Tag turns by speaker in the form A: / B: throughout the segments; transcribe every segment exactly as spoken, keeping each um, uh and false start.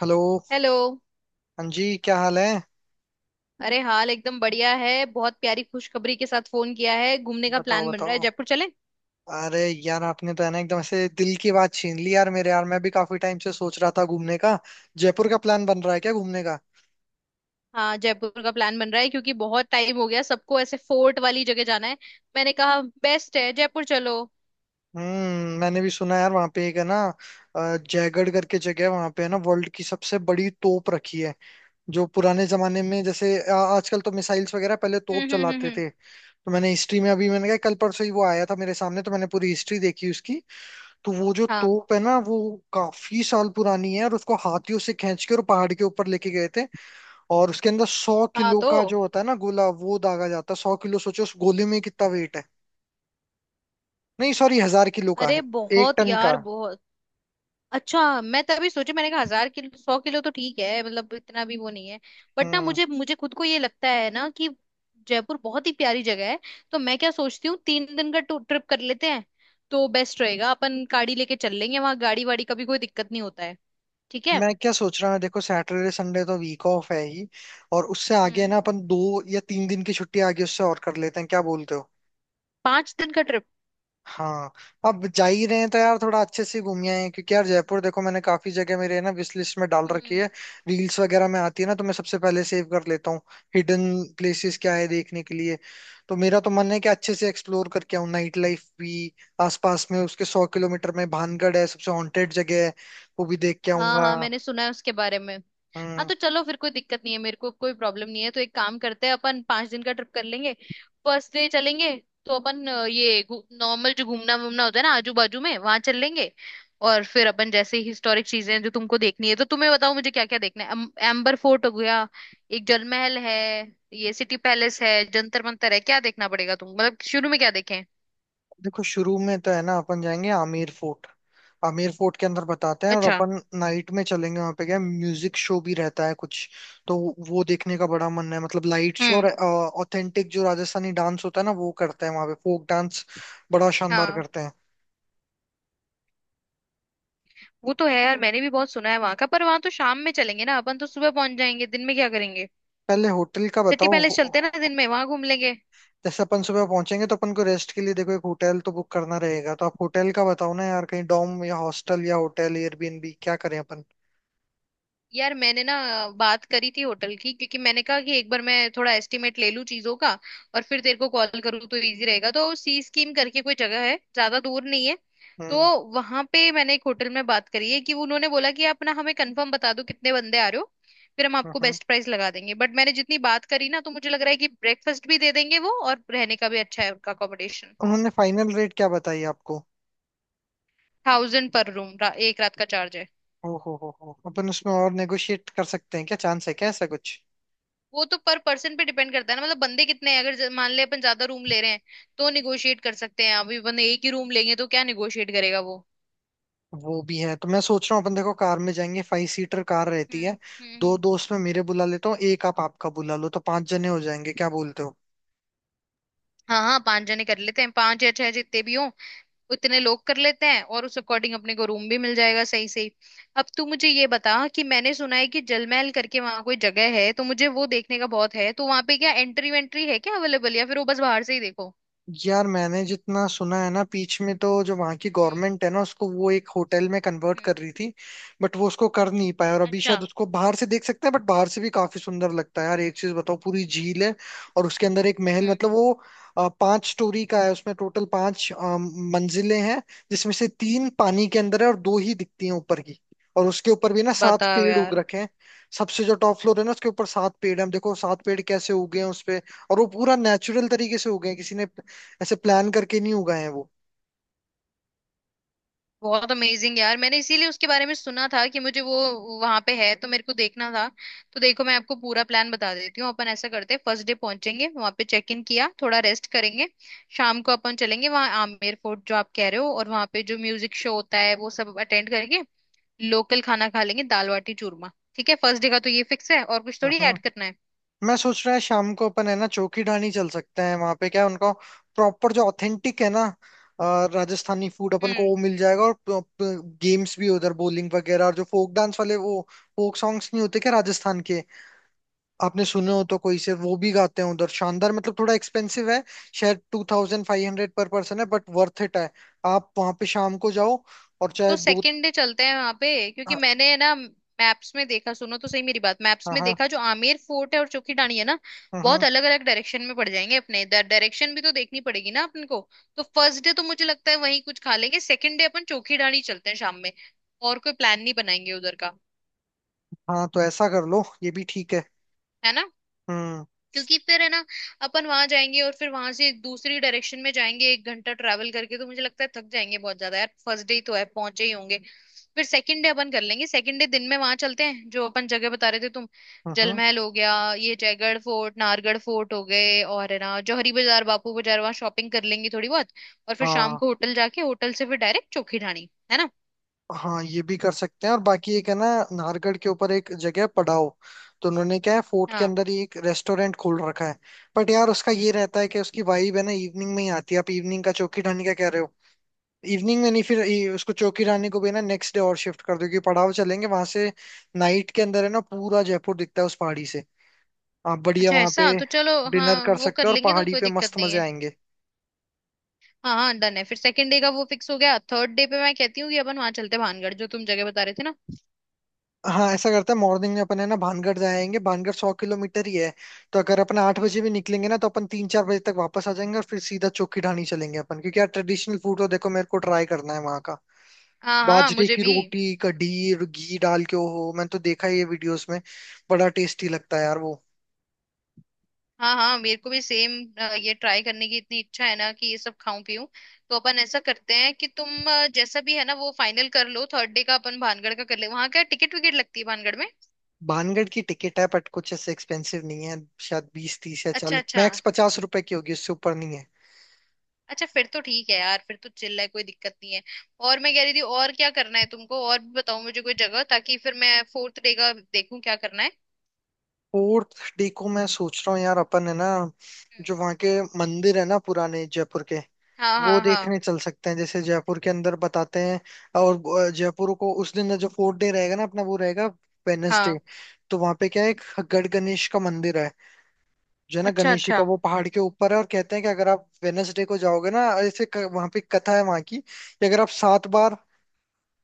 A: Hello.
B: Hello.
A: हाँ जी, क्या हाल है?
B: अरे, हाल एकदम बढ़िया है। बहुत प्यारी खुशखबरी के साथ फोन किया है। घूमने का
A: बताओ
B: प्लान बन रहा है,
A: बताओ।
B: जयपुर चले?
A: अरे यार आपने तो है ना एकदम से दिल की बात छीन ली यार, मेरे यार मैं भी काफी टाइम से सोच रहा था घूमने का। जयपुर का प्लान बन रहा है क्या, घूमने का?
B: हाँ, जयपुर का प्लान बन रहा है क्योंकि बहुत टाइम हो गया, सबको ऐसे फोर्ट वाली जगह जाना है। मैंने कहा बेस्ट है, जयपुर चलो।
A: हम्म मैंने भी सुना यार वहाँ पे एक है ना अ, जयगढ़ करके जगह है। वहाँ पे है ना वर्ल्ड की सबसे बड़ी तोप रखी है, जो पुराने जमाने में जैसे अ, आजकल तो मिसाइल्स वगैरह, पहले तोप
B: हम्म, हम्म, हम्म,
A: चलाते
B: हम्म।
A: थे। तो मैंने हिस्ट्री में अभी मैंने कहा कल परसों ही वो आया था मेरे सामने, तो मैंने पूरी हिस्ट्री देखी उसकी। तो वो जो
B: हाँ
A: तोप है ना वो काफी साल पुरानी है, और उसको हाथियों से खींच के और पहाड़ के ऊपर लेके गए थे। और उसके अंदर सौ
B: हाँ,
A: किलो
B: तो
A: का जो होता है ना गोला, वो दागा जाता है। सौ किलो सोचो, उस गोले में कितना वेट है। नहीं सॉरी, हजार किलो का
B: अरे
A: है। एक
B: बहुत
A: टन का।
B: यार, बहुत। अच्छा, मैं तभी सोची, मैंने कहा हजार किलो। सौ किलो तो ठीक है, मतलब इतना भी वो नहीं है। बट ना,
A: हम्म
B: मुझे मुझे खुद को ये लगता है ना कि जयपुर बहुत ही प्यारी जगह है। तो मैं क्या सोचती हूँ, तीन दिन का ट्रिप कर लेते हैं तो बेस्ट रहेगा। अपन गाड़ी लेके चल लेंगे, वहां गाड़ी वाड़ी का भी कोई दिक्कत नहीं होता है। ठीक है।
A: मैं क्या सोच रहा हूँ, देखो सैटरडे संडे तो वीक ऑफ है ही, और उससे आगे है
B: हम्म।
A: ना अपन दो या तीन दिन की छुट्टी आगे उससे और कर लेते हैं। क्या बोलते हो?
B: पांच दिन का
A: हाँ। अब जा ही रहे हैं तो यार थोड़ा अच्छे से घूमिए हैं, क्योंकि यार जयपुर देखो मैंने काफी जगह मेरे ना विश लिस्ट में डाल रखी
B: ट्रिप।
A: है। रील्स वगैरह में आती है ना, तो मैं सबसे पहले सेव कर लेता हूँ। हिडन प्लेसेस क्या है देखने के लिए। तो मेरा तो मन है कि अच्छे से एक्सप्लोर करके आऊँ, नाइट लाइफ भी। आसपास में उसके सौ किलोमीटर में भानगढ़ है, सबसे हॉन्टेड जगह है। वो भी देख के
B: हाँ
A: आऊंगा।
B: हाँ, मैंने सुना है उसके बारे में। हाँ
A: हम्म
B: तो चलो, फिर कोई दिक्कत नहीं है, मेरे को कोई प्रॉब्लम नहीं है। तो एक काम करते हैं, अपन पांच दिन का ट्रिप कर लेंगे। फर्स्ट डे चलेंगे तो अपन अ, ये नॉर्मल जो घूमना वूमना होता है ना, आजू बाजू में, वहां चल लेंगे। और फिर अपन जैसे हिस्टोरिक चीजें हैं जो तुमको देखनी है, तो तुम्हें बताओ, मुझे क्या क्या देखना है। अम- एम्बर फोर्ट हो गया, एक जल महल है, ये सिटी पैलेस है, जंतर मंतर है, क्या देखना पड़ेगा तुम मतलब, शुरू में क्या देखें?
A: देखो शुरू में तो है ना अपन जाएंगे आमेर फोर्ट। आमेर फोर्ट के अंदर बताते हैं, और
B: अच्छा।
A: अपन नाइट में चलेंगे। वहां पे क्या म्यूजिक शो भी रहता है कुछ, तो वो देखने का बड़ा मन है। मतलब लाइट शो और
B: हम्म।
A: ऑथेंटिक जो राजस्थानी डांस होता है ना, वो करते हैं वहां पे, फोक डांस। बड़ा शानदार
B: हाँ,
A: करते हैं।
B: वो तो है यार, मैंने भी बहुत सुना है वहां का। पर वहां तो शाम में चलेंगे ना अपन, तो सुबह पहुंच जाएंगे, दिन में क्या करेंगे?
A: पहले होटल का
B: सिटी
A: बताओ
B: पैलेस
A: हो-
B: चलते हैं ना,
A: हो-
B: दिन में वहां घूम लेंगे।
A: जैसे अपन सुबह पहुंचेंगे तो अपन को रेस्ट के लिए देखो एक होटल तो बुक करना रहेगा। तो आप होटल का बताओ ना यार, कहीं डॉम या हॉस्टल या होटल एयरबीएनबी, क्या करें अपन?
B: यार मैंने ना बात करी थी होटल की, क्योंकि मैंने कहा कि एक बार मैं थोड़ा एस्टिमेट ले लूं चीजों का और फिर तेरे को कॉल करूँ तो इजी रहेगा। तो सी स्कीम करके कोई जगह है, ज्यादा दूर नहीं है। तो
A: हम्म
B: वहां पे मैंने एक होटल में बात करी है कि उन्होंने बोला कि आप ना हमें कंफर्म बता दो कितने बंदे आ रहे हो, फिर हम
A: हम्म
B: आपको
A: हम्म।
B: बेस्ट प्राइस लगा देंगे। बट मैंने जितनी बात करी ना, तो मुझे लग रहा है कि ब्रेकफास्ट भी दे देंगे वो, और रहने का भी अच्छा है उनका अकोमोडेशन।
A: उन्होंने फाइनल रेट क्या बताई आपको?
B: थाउजेंड पर रूम एक रात का चार्ज है।
A: ओ हो हो हो अपन उसमें और नेगोशिएट कर सकते हैं क्या, चांस है क्या ऐसा कुछ?
B: वो तो पर पर्सन पे डिपेंड करता है ना, मतलब बंदे कितने हैं। अगर ज- मान ले अपन ज्यादा रूम ले रहे हैं तो निगोशिएट कर सकते हैं। अभी बंदे एक ही रूम लेंगे तो क्या निगोशिएट करेगा वो।
A: वो भी है। तो मैं सोच रहा हूँ अपन देखो कार में जाएंगे, फाइव सीटर कार रहती है।
B: हम्म। हम्म,
A: दो
B: हम्म।
A: दोस्त मैं मेरे बुला लेता हूँ, एक आप आपका बुला लो, तो पांच जने हो जाएंगे। क्या बोलते हो?
B: हाँ हाँ, पांच जने कर लेते हैं, पांच या छह जितने भी हों उतने लोग कर लेते हैं, और उस अकॉर्डिंग अपने को रूम भी मिल जाएगा सही सही। अब तू मुझे ये बता कि मैंने सुना है कि जलमहल करके वहां कोई जगह है, तो मुझे वो देखने का बहुत है। तो वहां पे क्या एंट्री वेंट्री है क्या अवेलेबल, या फिर वो बस बाहर से ही देखो?
A: यार मैंने जितना सुना है ना, बीच में तो जो वहाँ की
B: हम्म।
A: गवर्नमेंट है ना, उसको वो एक होटल में कन्वर्ट कर
B: हम्म।
A: रही थी। बट वो उसको कर नहीं पाया, और अभी शायद
B: अच्छा।
A: उसको बाहर से देख सकते हैं। बट बाहर से भी काफी सुंदर लगता है यार। एक चीज बताओ, पूरी झील है और उसके अंदर एक महल,
B: हम्म।
A: मतलब वो अ, पांच स्टोरी का है। उसमें टोटल पांच अ, मंजिलें हैं, जिसमें से तीन पानी के अंदर है और दो ही दिखती हैं ऊपर की। और उसके ऊपर भी ना सात
B: बताओ
A: पेड़ उग
B: यार।
A: रखे हैं। सबसे जो टॉप फ्लोर है ना उसके ऊपर सात पेड़ हैं। हम देखो सात पेड़ कैसे उगे हैं उसपे, और वो पूरा नेचुरल तरीके से उगे हैं, किसी ने ऐसे प्लान करके नहीं उगाए हैं वो।
B: बहुत अमेजिंग यार, मैंने इसीलिए उसके बारे में सुना था कि मुझे वो वहां पे है तो मेरे को देखना था। तो देखो, मैं आपको पूरा प्लान बता देती हूँ। अपन ऐसा करते हैं, फर्स्ट डे पहुंचेंगे वहां पे, चेक इन किया, थोड़ा रेस्ट करेंगे। शाम को अपन चलेंगे वहां आमेर फोर्ट जो आप कह रहे हो, और वहां पे जो म्यूजिक शो होता है वो सब अटेंड करके लोकल खाना खा लेंगे, दाल बाटी चूरमा। ठीक है, फर्स्ट डे का तो ये फिक्स है, और कुछ थोड़ी ऐड
A: हम्म
B: करना है?
A: मैं सोच रहा है शाम को अपन है ना चौकी ढाणी चल सकते हैं। वहां पे क्या है, उनका प्रॉपर जो ऑथेंटिक है ना अ, राजस्थानी फूड अपन को
B: हम्म,
A: वो मिल जाएगा। और गेम्स भी उधर, बowling वगैरह, और जो फोक डांस वाले, वो फोक सॉन्ग्स नहीं होते क्या राजस्थान के? आपने सुने हो तो कोई से वो भी गाते हैं उधर, शानदार। मतलब थोड़ा एक्सपेंसिव है, शायद two thousand five hundred per person है, बट वर्थ इट है। आप वहां पे शाम को जाओ, और
B: तो
A: चाहे दो।
B: सेकेंड डे चलते हैं वहां पे, क्योंकि
A: हाँ
B: मैंने है ना मैप्स में देखा, सुनो तो सही मेरी बात, मैप्स
A: हाँ
B: में
A: हाँ
B: देखा जो आमेर फोर्ट है और चोखी ढाणी है ना,
A: हाँ
B: बहुत अलग अलग डायरेक्शन में पड़ जाएंगे, अपने डायरेक्शन भी तो देखनी पड़ेगी ना अपन को। तो फर्स्ट डे तो मुझे लगता है वहीं कुछ खा लेंगे, सेकेंड डे अपन चोखी ढाणी चलते हैं शाम में, और कोई प्लान नहीं बनाएंगे उधर का,
A: हाँ, तो ऐसा कर लो, ये भी ठीक है।
B: है ना?
A: हम्म
B: क्योंकि फिर है ना, अपन वहां जाएंगे और फिर वहां से दूसरी डायरेक्शन में जाएंगे एक घंटा ट्रैवल करके, तो मुझे लगता है थक जाएंगे बहुत ज्यादा यार। फर्स्ट डे ही तो है, पहुंचे ही होंगे। फिर सेकंड डे अपन कर लेंगे, सेकंड डे दिन में वहां चलते हैं जो अपन जगह बता रहे थे तुम। जल
A: हम्म।
B: महल हो गया, ये जयगढ़ फोर्ट, नाहरगढ़ फोर्ट हो गए, और है ना जौहरी बाजार, बापू बाजार, वहां शॉपिंग कर लेंगे थोड़ी बहुत। और फिर शाम
A: हाँ
B: को होटल जाके, होटल से फिर डायरेक्ट चौखी ढाणी, है ना?
A: हाँ, ये भी कर सकते हैं। और बाकी एक है ना, नाहरगढ़ के ऊपर एक जगह है, पड़ाव। तो उन्होंने क्या है फोर्ट के
B: हाँ।
A: अंदर ही एक रेस्टोरेंट खोल रखा है। बट यार उसका ये
B: हम्म।
A: रहता है कि उसकी वाइब है ना इवनिंग में ही आती है। आप इवनिंग का चौकी ढाणी का कह रहे हो, इवनिंग में नहीं, फिर ये- उसको चौकी ढाणी को भी ना नेक्स्ट डे और शिफ्ट कर दो, क्योंकि पड़ाव चलेंगे वहां से। नाइट के अंदर है ना पूरा जयपुर दिखता है उस पहाड़ी से। आप बढ़िया
B: अच्छा,
A: वहां
B: ऐसा
A: पे
B: तो चलो
A: डिनर
B: हाँ,
A: कर
B: वो कर
A: सकते हो, और
B: लेंगे तो
A: पहाड़ी
B: कोई
A: पे
B: दिक्कत
A: मस्त
B: नहीं
A: मजे
B: है।
A: आएंगे।
B: हाँ हाँ, डन है, फिर सेकंड डे का वो फिक्स हो गया। थर्ड डे पे मैं कहती हूँ कि अपन वहां चलते हैं भानगढ़ जो तुम जगह बता रहे थे ना।
A: हाँ, ऐसा करते हैं मॉर्निंग में अपन है ना भानगढ़ जाएंगे। भानगढ़ सौ किलोमीटर ही है, तो अगर अपन आठ बजे
B: हम्म।
A: भी निकलेंगे ना तो अपन तीन चार बजे तक वापस आ जाएंगे। और फिर सीधा चोखी ढाणी चलेंगे अपन, क्योंकि यार ट्रेडिशनल फूड तो देखो मेरे को ट्राई करना है वहाँ का।
B: हाँ हाँ,
A: बाजरे
B: मुझे
A: की
B: भी।
A: रोटी, कढ़ी और घी डाल के हो, मैंने तो देखा है ये वीडियोस में, बड़ा टेस्टी लगता है यार वो।
B: हाँ हाँ, मेरे को भी सेम, ये ट्राई करने की इतनी इच्छा है ना कि ये सब खाऊं पीऊं। तो अपन ऐसा करते हैं कि तुम अ, जैसा भी है ना, वो फाइनल कर लो। थर्ड डे का अपन भानगढ़ का कर ले, वहां क्या टिकट विकेट लगती है भानगढ़ में?
A: भानगढ़ की टिकट है बट कुछ ऐसे एक्सपेंसिव नहीं है। शायद बीस तीस या
B: अच्छा
A: चालीस
B: अच्छा।
A: मैक्स पचास रुपए की होगी, उससे ऊपर नहीं है।
B: अच्छा फिर तो ठीक है यार, फिर तो चिल्ला है, कोई दिक्कत नहीं है। और मैं कह रही थी, और क्या करना है तुमको, और भी बताओ मुझे कोई जगह ताकि फिर मैं फोर्थ डे का देखूं क्या करना है।
A: फोर्थ डे को मैं सोच रहा हूँ यार, अपन है ना
B: हम्म।
A: जो वहाँ के मंदिर है ना पुराने जयपुर के,
B: हाँ
A: वो
B: हाँ हाँ।
A: देखने चल सकते हैं। जैसे जयपुर के अंदर बताते हैं, और जयपुर को उस दिन जो फोर्थ डे रहेगा ना अपना, वो रहेगा वेनसडे।
B: हाँ।
A: तो वहां पे क्या है, एक गढ़ गणेश का मंदिर है, जो है ना
B: अच्छा
A: गणेश जी का
B: अच्छा।
A: वो पहाड़ के ऊपर है। और कहते हैं कि अगर आप वेनसडे को जाओगे ना, ऐसे क- वहां पे एक कथा है वहां की, कि अगर आप सात बार,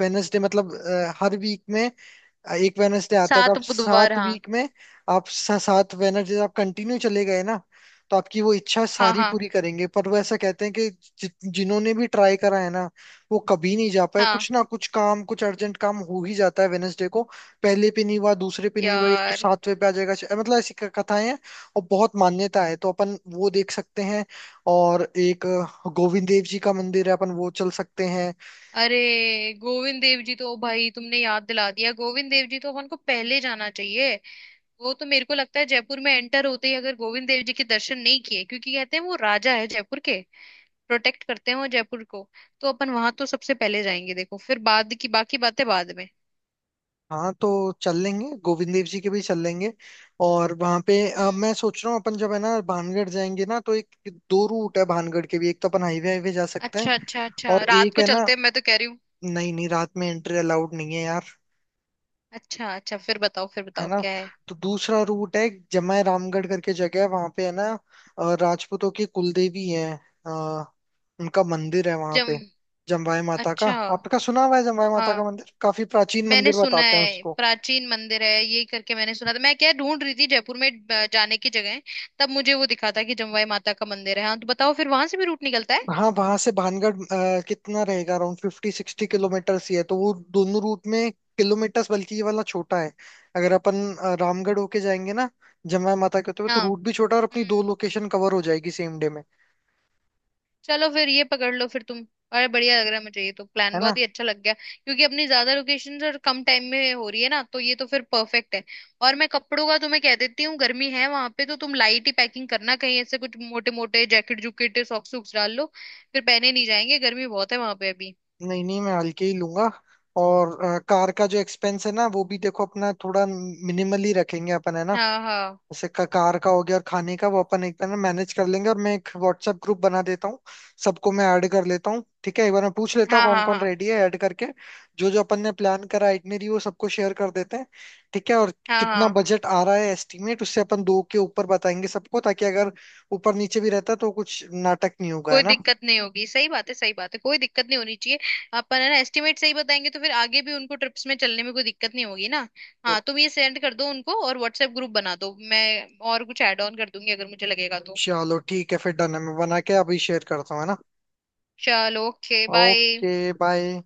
A: वेनसडे मतलब अ, हर वीक में एक वेनसडे आता है, तो
B: सात
A: आप
B: बुधवार
A: सात
B: हाँ।
A: वीक में, आप सा- सात वेनसडे आप कंटिन्यू चले गए ना, तो आपकी वो इच्छा
B: हाँ
A: सारी
B: हाँ।
A: पूरी करेंगे। पर वो ऐसा कहते हैं कि जि, जिन्होंने भी ट्राई करा है ना, वो कभी नहीं जा पाए।
B: हाँ
A: कुछ ना कुछ काम, कुछ अर्जेंट काम हो ही जाता है वेनसडे को। पहले पे नहीं हुआ, दूसरे पे नहीं हुआ, या तो
B: यार।
A: सातवें पे आ जाएगा, मतलब ऐसी क- कथाएं हैं। और बहुत मान्यता है, तो अपन वो देख सकते हैं। और एक अ, गोविंद देव जी का मंदिर है, अपन वो चल सकते हैं।
B: अरे, गोविंद देव जी तो भाई तुमने याद दिला दिया। गोविंद देव जी तो अपन को पहले जाना चाहिए। वो तो मेरे को लगता है जयपुर में एंटर होते ही अगर गोविंद देव जी के दर्शन नहीं किए, क्योंकि कहते हैं वो राजा है जयपुर के, प्रोटेक्ट करते हैं वो जयपुर को। तो अपन वहां तो सबसे पहले जाएंगे, देखो, फिर बाद की बाकी बातें बाद में।
A: हाँ तो चल लेंगे, गोविंद देव जी के भी चल लेंगे। और वहां पे अ,
B: हम्म।
A: मैं सोच रहा हूँ अपन जब है ना भानगढ़ जाएंगे ना तो एक दो रूट है भानगढ़ के भी। एक तो अपन हाईवे हाईवे जा सकते हैं,
B: अच्छा अच्छा, अच्छा
A: और
B: रात
A: एक
B: को
A: है ना,
B: चलते हैं मैं तो कह रही हूँ।
A: नहीं नहीं रात में एंट्री अलाउड नहीं है यार।
B: अच्छा अच्छा, फिर बताओ, फिर
A: है
B: बताओ
A: ना,
B: क्या है?
A: तो दूसरा रूट है, जमाय रामगढ़ करके जगह है वहां पे है ना, अ, राजपूतों की कुलदेवी है, अ, उनका मंदिर है वहां
B: जम
A: पे, जमवाय माता का।
B: अच्छा।
A: आपका सुना हुआ है जमवाय माता का
B: हाँ,
A: मंदिर? काफी प्राचीन
B: मैंने
A: मंदिर
B: सुना
A: बताते हैं
B: है
A: उसको।
B: प्राचीन मंदिर है ये करके मैंने सुना था। मैं क्या ढूंढ रही थी जयपुर में अ, जाने की जगह, तब मुझे वो दिखा था कि जमवाई माता का मंदिर है। हाँ तो बताओ, फिर वहां से भी रूट निकलता है?
A: हाँ वहां से भानगढ़ अ, कितना रहेगा, अराउंड फिफ्टी सिक्सटी किलोमीटर ही है। तो वो दोनों रूट में किलोमीटर्स, बल्कि ये वाला छोटा है। अगर अपन अ, रामगढ़ होके जाएंगे ना, जमाया माता के होते हुए, तो
B: हाँ।
A: रूट भी छोटा है और अपनी दो
B: हम्म।
A: लोकेशन कवर हो जाएगी सेम डे में।
B: चलो फिर ये पकड़ लो फिर तुम। अरे बढ़िया लग रहा है मुझे, ये तो प्लान
A: है ना,
B: बहुत ही अच्छा लग गया, क्योंकि अपनी ज्यादा लोकेशन और कम टाइम में हो रही है ना, तो ये तो फिर परफेक्ट है। और मैं कपड़ों का तुम्हें कह देती हूँ, गर्मी है वहां पे, तो तुम लाइट ही पैकिंग करना, कहीं ऐसे कुछ मोटे मोटे जैकेट जुकेट, सॉक्स सूक्स डाल लो, फिर पहने नहीं जाएंगे, गर्मी बहुत है वहां पे अभी।
A: नहीं नहीं मैं हल्के ही लूंगा। और अ, कार का जो एक्सपेंस है ना, वो भी देखो अपना थोड़ा मिनिमली रखेंगे अपन है ना।
B: हाँ हाँ।
A: जैसे क- कार का हो गया, और खाने का वो अपन एक बार ना मैनेज कर लेंगे। और मैं एक व्हाट्सएप ग्रुप बना देता हूँ, सबको मैं ऐड कर लेता हूँ। ठीक है, एक बार मैं पूछ लेता हूँ
B: हाँ
A: कौन
B: हाँ।
A: कौन
B: हाँ
A: रेडी है, ऐड करके जो जो अपन ने प्लान करा आइटनरी वो सबको शेयर कर देते हैं। ठीक है। और
B: हाँ।
A: कितना
B: हाँ,
A: बजट आ रहा है एस्टिमेट, उससे अपन दो के ऊपर बताएंगे सबको, ताकि अगर ऊपर नीचे भी रहता तो कुछ नाटक नहीं होगा, है
B: कोई
A: ना।
B: दिक्कत नहीं होगी, सही बात है, सही बात है, कोई दिक्कत नहीं होनी चाहिए। अपन है ना एस्टिमेट सही बताएंगे, तो फिर आगे भी उनको ट्रिप्स में चलने में कोई दिक्कत नहीं होगी ना। हाँ,
A: तो
B: तुम ये सेंड कर दो उनको और व्हाट्सएप ग्रुप बना दो, मैं और कुछ ऐड ऑन कर दूंगी अगर मुझे लगेगा तो।
A: चलो ठीक है, फिर डन है, मैं बना के अभी शेयर करता हूँ, है ना।
B: चलो, ओके, बाय।
A: Okay bye.